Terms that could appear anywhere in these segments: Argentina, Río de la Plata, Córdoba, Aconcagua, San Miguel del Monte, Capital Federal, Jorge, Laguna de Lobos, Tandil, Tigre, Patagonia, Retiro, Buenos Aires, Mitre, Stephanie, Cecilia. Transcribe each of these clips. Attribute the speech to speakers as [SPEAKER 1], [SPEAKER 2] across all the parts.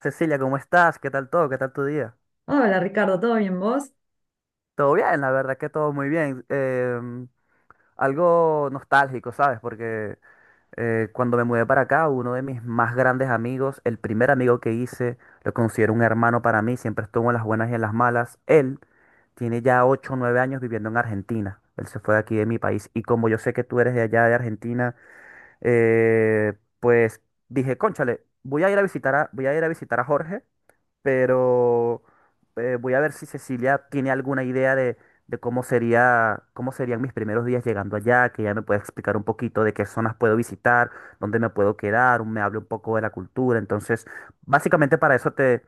[SPEAKER 1] Cecilia, ¿cómo estás? ¿Qué tal todo? ¿Qué tal tu día?
[SPEAKER 2] Hola Ricardo, ¿todo bien vos?
[SPEAKER 1] Todo bien, la verdad que todo muy bien. Algo nostálgico, ¿sabes? Porque cuando me mudé para acá, uno de mis más grandes amigos, el primer amigo que hice, lo considero un hermano para mí, siempre estuvo en las buenas y en las malas. Él tiene ya 8, o 9 años viviendo en Argentina. Él se fue de aquí de mi país. Y como yo sé que tú eres de allá de Argentina, eh, pues dije, cónchale, voy a ir a visitar a Jorge, pero voy a ver si Cecilia tiene alguna idea de cómo sería, cómo serían mis primeros días llegando allá, que ella me pueda explicar un poquito de qué zonas puedo visitar, dónde me puedo quedar, me hable un poco de la cultura. Entonces, básicamente para eso te,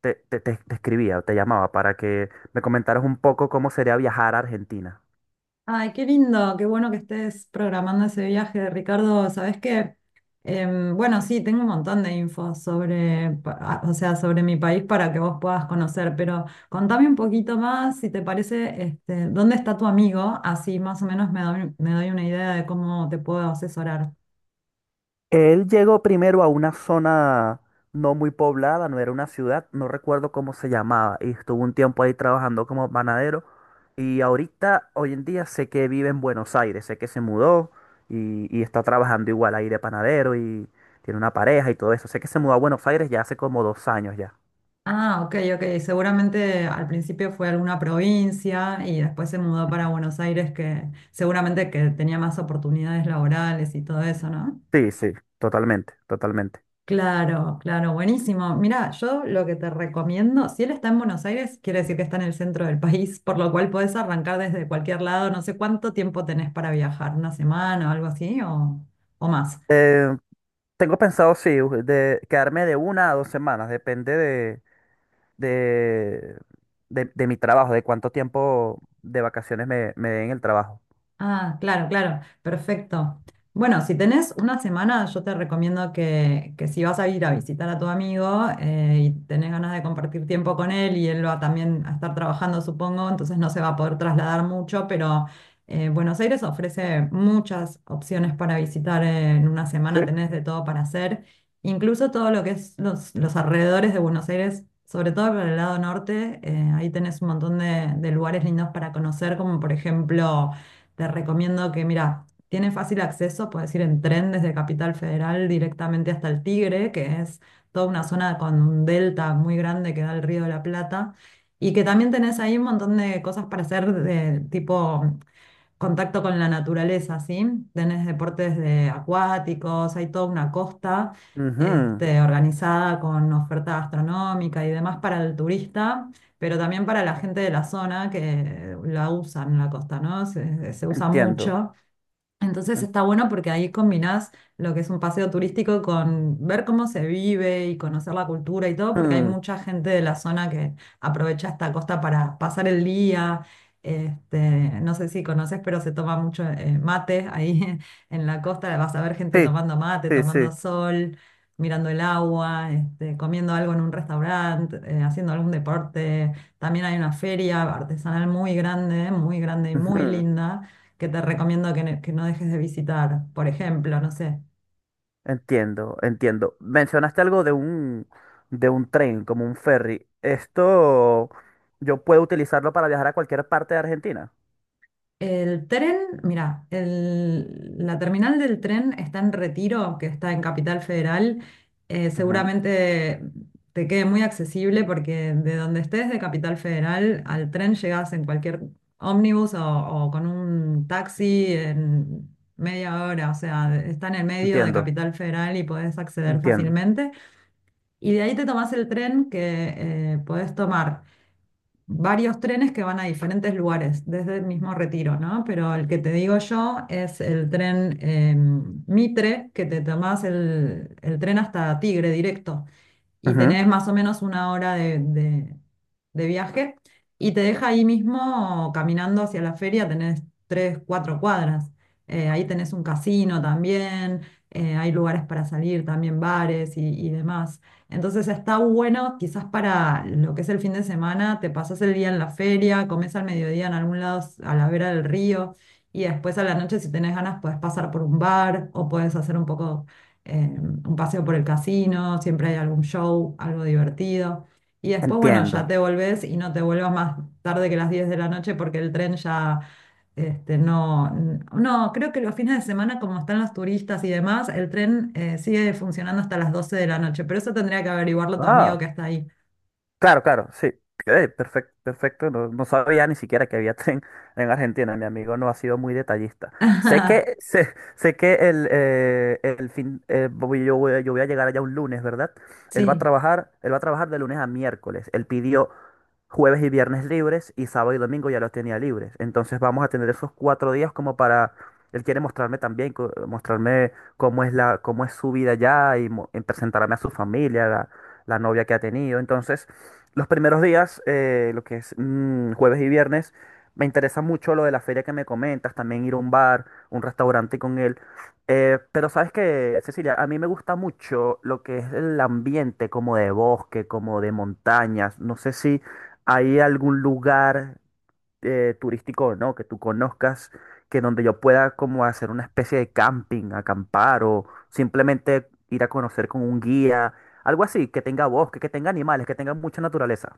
[SPEAKER 1] te, te, te- te escribía, te llamaba, para que me comentaras un poco cómo sería viajar a Argentina.
[SPEAKER 2] Ay, qué lindo, qué bueno que estés programando ese viaje, Ricardo. ¿Sabés qué? Bueno, sí, tengo un montón de info sobre, o sea, sobre mi país para que vos puedas conocer, pero contame un poquito más, si te parece, este, ¿dónde está tu amigo? Así más o menos me doy una idea de cómo te puedo asesorar.
[SPEAKER 1] Él llegó primero a una zona no muy poblada, no era una ciudad, no recuerdo cómo se llamaba, y estuvo un tiempo ahí trabajando como panadero. Y ahorita, hoy en día, sé que vive en Buenos Aires, sé que se mudó y está trabajando igual ahí de panadero y tiene una pareja y todo eso. Sé que se mudó a Buenos Aires ya hace como dos años ya.
[SPEAKER 2] Ah, ok, ok. Seguramente al principio fue alguna provincia y después se mudó para Buenos Aires, que seguramente que tenía más oportunidades laborales y todo eso, ¿no?
[SPEAKER 1] Sí, sí, totalmente, totalmente.
[SPEAKER 2] Claro, claro, buenísimo. Mira, yo lo que te recomiendo, si él está en Buenos Aires, quiere decir que está en el centro del país, por lo cual podés arrancar desde cualquier lado. No sé cuánto tiempo tenés para viajar, una semana o algo así, o más.
[SPEAKER 1] Eh, Tengo pensado, sí, de quedarme de una a dos semanas, depende de, de mi trabajo, de cuánto tiempo de vacaciones me den el trabajo.
[SPEAKER 2] Ah, claro, claro, perfecto. Bueno, si tenés una semana, yo te recomiendo que si vas a ir a visitar a tu amigo, y tenés ganas de compartir tiempo con él y él va también a estar trabajando, supongo, entonces no se va a poder trasladar mucho, pero Buenos Aires ofrece muchas opciones para visitar en una
[SPEAKER 1] ¿Sí?
[SPEAKER 2] semana, tenés de todo para hacer, incluso todo lo que es los alrededores de Buenos Aires. Sobre todo por el lado norte, ahí tenés un montón de lugares lindos para conocer, como por ejemplo te recomiendo que, mira, tiene fácil acceso, puedes ir en tren desde Capital Federal directamente hasta el Tigre, que es toda una zona con un delta muy grande que da el Río de la Plata. Y que también tenés ahí un montón de cosas para hacer de tipo contacto con la naturaleza, ¿sí? Tenés deportes de acuáticos, hay toda una costa,
[SPEAKER 1] Ujú.
[SPEAKER 2] este, organizada con oferta gastronómica y demás para el turista, pero también para la gente de la zona que la usan la costa, ¿no? Se usa
[SPEAKER 1] Entiendo.
[SPEAKER 2] mucho. Entonces
[SPEAKER 1] Ent-
[SPEAKER 2] está bueno porque ahí combinás lo que es un paseo turístico con ver cómo se vive y conocer la cultura y todo, porque hay
[SPEAKER 1] Ujú.
[SPEAKER 2] mucha gente de la zona que aprovecha esta costa para pasar el día. Este, no sé si conoces, pero se toma mucho, mate ahí en la costa. Vas a ver gente
[SPEAKER 1] Sí,
[SPEAKER 2] tomando mate,
[SPEAKER 1] sí, sí.
[SPEAKER 2] tomando sol, mirando el agua, este, comiendo algo en un restaurante, haciendo algún deporte. También hay una feria artesanal muy grande y muy
[SPEAKER 1] Ujú.
[SPEAKER 2] linda que te recomiendo que no dejes de visitar. Por ejemplo, no sé,
[SPEAKER 1] Entiendo, entiendo. Mencionaste algo de de un tren, como un ferry. Esto yo puedo utilizarlo para viajar a cualquier parte de Argentina.
[SPEAKER 2] el tren, mira, la terminal del tren está en Retiro, que está en Capital Federal. Eh,
[SPEAKER 1] Ujú.
[SPEAKER 2] seguramente te quede muy accesible porque de donde estés de Capital Federal al tren llegas en cualquier ómnibus o con un taxi en media hora. O sea, está en el medio de
[SPEAKER 1] Entiendo,
[SPEAKER 2] Capital Federal y podés acceder
[SPEAKER 1] entiendo.
[SPEAKER 2] fácilmente. Y de ahí te tomás el tren que, podés tomar, varios trenes que van a diferentes lugares, desde el mismo Retiro, ¿no? Pero el que te digo yo es el tren, Mitre, que te tomás el tren hasta Tigre directo y
[SPEAKER 1] Ujú.
[SPEAKER 2] tenés más o menos una hora de viaje y te deja ahí mismo caminando hacia la feria, tenés 3, 4 cuadras. Ahí tenés un casino también, hay lugares para salir también, bares y demás. Entonces está bueno, quizás para lo que es el fin de semana, te pasas el día en la feria, comes al mediodía en algún lado a la vera del río. Y después a la noche, si tenés ganas, podés pasar por un bar o podés hacer un poco, un paseo por el casino, siempre hay algún show, algo divertido. Y después, bueno,
[SPEAKER 1] Entiendo.
[SPEAKER 2] ya te volvés y no te vuelvas más tarde que las 10 de la noche porque el tren ya, este, no, creo que los fines de semana, como están los turistas y demás, el tren, sigue funcionando hasta las 12 de la noche, pero eso tendría que averiguarlo tu amigo
[SPEAKER 1] Ah,
[SPEAKER 2] que está ahí.
[SPEAKER 1] claro, claro, sí. Perfecto, perfecto. No, no sabía ni siquiera que había tren en Argentina. Mi amigo no ha sido muy detallista. Sé que, sé que el fin, yo voy a llegar allá un lunes, ¿verdad?
[SPEAKER 2] Sí.
[SPEAKER 1] Él va a trabajar de lunes a miércoles. Él pidió jueves y viernes libres y sábado y domingo ya los tenía libres. Entonces vamos a tener esos cuatro días como para, él quiere mostrarme también, mostrarme cómo es cómo es su vida allá y, y presentarme a su familia, la novia que ha tenido. Entonces, los primeros días, lo que es mm, jueves y viernes, me interesa mucho lo de la feria que me comentas, también ir a un bar, un restaurante con él. Pero sabes que, Cecilia, a mí me gusta mucho lo que es el ambiente, como de bosque, como de montañas. No sé si... ¿Hay algún lugar turístico o no que tú conozcas que donde yo pueda como hacer una especie de camping, acampar o simplemente ir a conocer con un guía, algo así, que tenga bosque, que tenga animales, que tenga mucha naturaleza?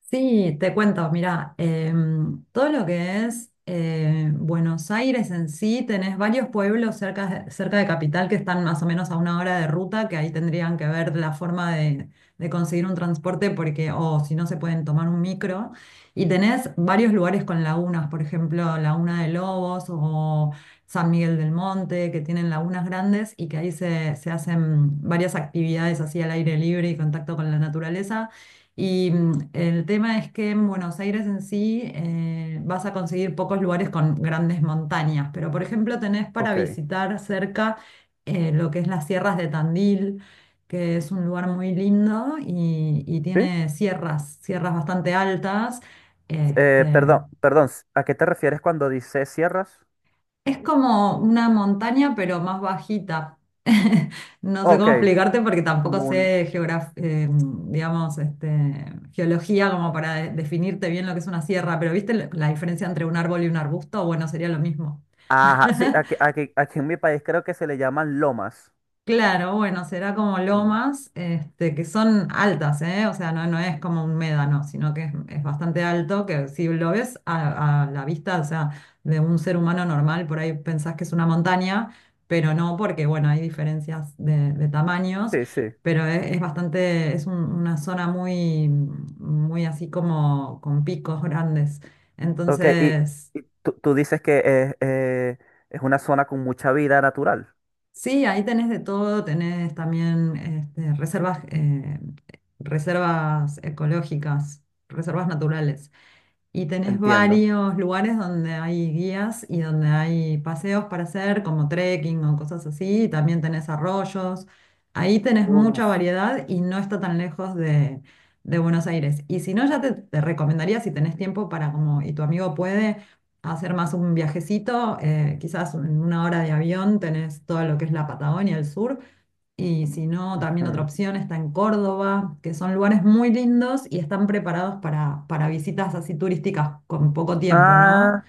[SPEAKER 2] Sí, te cuento, mira, todo lo que es, Buenos Aires en sí, tenés varios pueblos cerca, cerca de Capital que están más o menos a una hora de ruta, que ahí tendrían que ver la forma de conseguir un transporte, porque, o si no, se pueden tomar un micro. Y tenés varios lugares con lagunas, por ejemplo, Laguna de Lobos o San Miguel del Monte, que tienen lagunas grandes y que ahí se hacen varias actividades así al aire libre y contacto con la naturaleza. Y el tema es que en Buenos Aires en sí, vas a conseguir pocos lugares con grandes montañas, pero por ejemplo tenés para
[SPEAKER 1] Ok.
[SPEAKER 2] visitar cerca, lo que es las sierras de Tandil, que es un lugar muy lindo y
[SPEAKER 1] ¿Sí?
[SPEAKER 2] tiene sierras, sierras bastante altas. Este,
[SPEAKER 1] Perdón, perdón, ¿a qué te refieres cuando dices sierras?
[SPEAKER 2] es como una montaña, pero más bajita. No sé
[SPEAKER 1] Ok,
[SPEAKER 2] cómo explicarte porque tampoco
[SPEAKER 1] como un...
[SPEAKER 2] sé digamos, este, geología como para definirte bien lo que es una sierra, pero ¿viste la diferencia entre un árbol y un arbusto? Bueno, sería lo mismo.
[SPEAKER 1] Ajá, sí, aquí en mi país creo que se le llaman lomas.
[SPEAKER 2] Claro, bueno, será como
[SPEAKER 1] Mm.
[SPEAKER 2] lomas, este, que son altas, ¿eh? O sea, no, no es como un médano, sino que es bastante alto, que si lo ves a la vista, o sea, de un ser humano normal, por ahí pensás que es una montaña, pero no, porque, bueno, hay diferencias de tamaños,
[SPEAKER 1] Sí, sí.
[SPEAKER 2] pero es bastante, una zona muy, muy así como con picos grandes.
[SPEAKER 1] Ok,
[SPEAKER 2] Entonces.
[SPEAKER 1] y tú dices que es una zona con mucha vida natural,
[SPEAKER 2] Sí, ahí tenés de todo, tenés también, este, reservas, reservas ecológicas, reservas naturales. Y tenés
[SPEAKER 1] entiendo.
[SPEAKER 2] varios lugares donde hay guías y donde hay paseos para hacer, como trekking o cosas así. Y también tenés arroyos. Ahí tenés mucha
[SPEAKER 1] Uf.
[SPEAKER 2] variedad y no está tan lejos de Buenos Aires. Y si no, ya te recomendaría, si tenés tiempo para, como, y tu amigo puede, hacer más un viajecito, quizás en una hora de avión tenés todo lo que es la Patagonia, el sur. Y si no, también otra
[SPEAKER 1] Ujú.
[SPEAKER 2] opción está en Córdoba, que son lugares muy lindos y están preparados para visitas así turísticas con poco tiempo, ¿no?
[SPEAKER 1] Ah,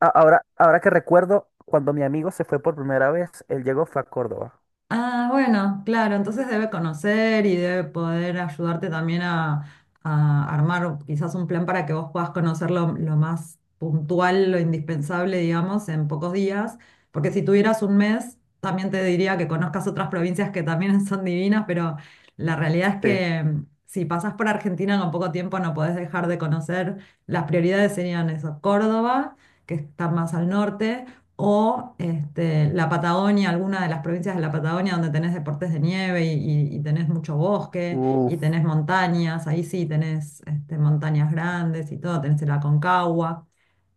[SPEAKER 1] ahora que recuerdo, cuando mi amigo se fue por primera vez, él llegó fue a Córdoba.
[SPEAKER 2] Ah, bueno, claro, entonces debe conocer y debe poder ayudarte también a armar quizás un plan para que vos puedas conocer lo más puntual, lo indispensable, digamos, en pocos días, porque si tuvieras un mes, también te diría que conozcas otras provincias que también son divinas, pero la realidad es
[SPEAKER 1] Sí.
[SPEAKER 2] que si pasás por Argentina con poco tiempo no podés dejar de conocer, las prioridades serían eso, Córdoba, que está más al norte o, este, la Patagonia, alguna de las provincias de la Patagonia donde tenés deportes de nieve y tenés mucho bosque y
[SPEAKER 1] Uf.
[SPEAKER 2] tenés montañas, ahí sí tenés, este, montañas grandes y todo, tenés el Aconcagua.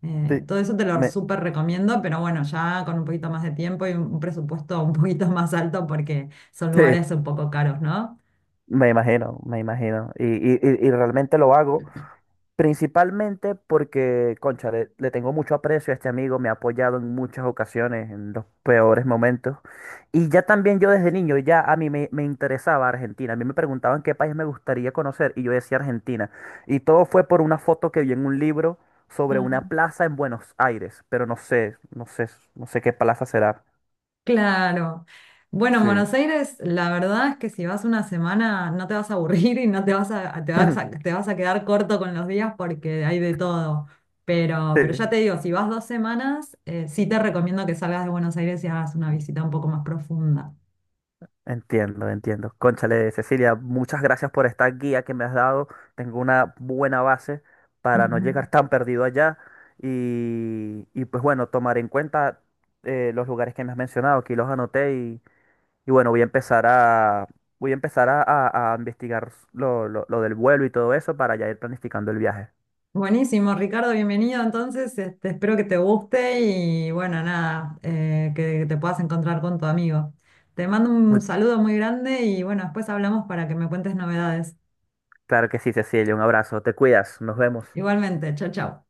[SPEAKER 2] Eh,
[SPEAKER 1] Sí.
[SPEAKER 2] todo eso te lo
[SPEAKER 1] Me,
[SPEAKER 2] súper recomiendo, pero bueno, ya con un poquito más de tiempo y un presupuesto un poquito más alto porque son
[SPEAKER 1] sí,
[SPEAKER 2] lugares un poco caros,
[SPEAKER 1] me imagino, me imagino. Y realmente lo hago. Principalmente porque, concha, le tengo mucho aprecio a este amigo, me ha apoyado en muchas ocasiones, en los peores momentos. Y ya también yo desde niño, ya a me interesaba Argentina. A mí me preguntaban qué país me gustaría conocer y yo decía Argentina. Y todo fue por una foto que vi en un libro sobre una
[SPEAKER 2] ¿no?
[SPEAKER 1] plaza en Buenos Aires, pero no sé qué plaza será.
[SPEAKER 2] Claro. Bueno, en
[SPEAKER 1] Sí.
[SPEAKER 2] Buenos Aires, la verdad es que si vas una semana no te vas a aburrir y no te vas a quedar corto con los días porque hay de todo. Pero ya
[SPEAKER 1] Sí.
[SPEAKER 2] te digo, si vas 2 semanas, sí te recomiendo que salgas de Buenos Aires y hagas una visita un poco más profunda.
[SPEAKER 1] Entiendo, entiendo. Cónchale, Cecilia, muchas gracias por esta guía que me has dado. Tengo una buena base para no llegar
[SPEAKER 2] Ujú.
[SPEAKER 1] tan perdido allá. Pues bueno, tomar en cuenta los lugares que me has mencionado, aquí los anoté y bueno, voy a empezar a investigar lo del vuelo y todo eso para ya ir planificando el viaje.
[SPEAKER 2] Buenísimo, Ricardo, bienvenido. Entonces, este, espero que te guste y bueno, nada, que te puedas encontrar con tu amigo. Te mando un
[SPEAKER 1] Mu-
[SPEAKER 2] saludo muy grande y bueno, después hablamos para que me cuentes novedades.
[SPEAKER 1] Claro que sí, Cecilia, un abrazo, te cuidas, nos vemos.
[SPEAKER 2] Igualmente, chao, chao.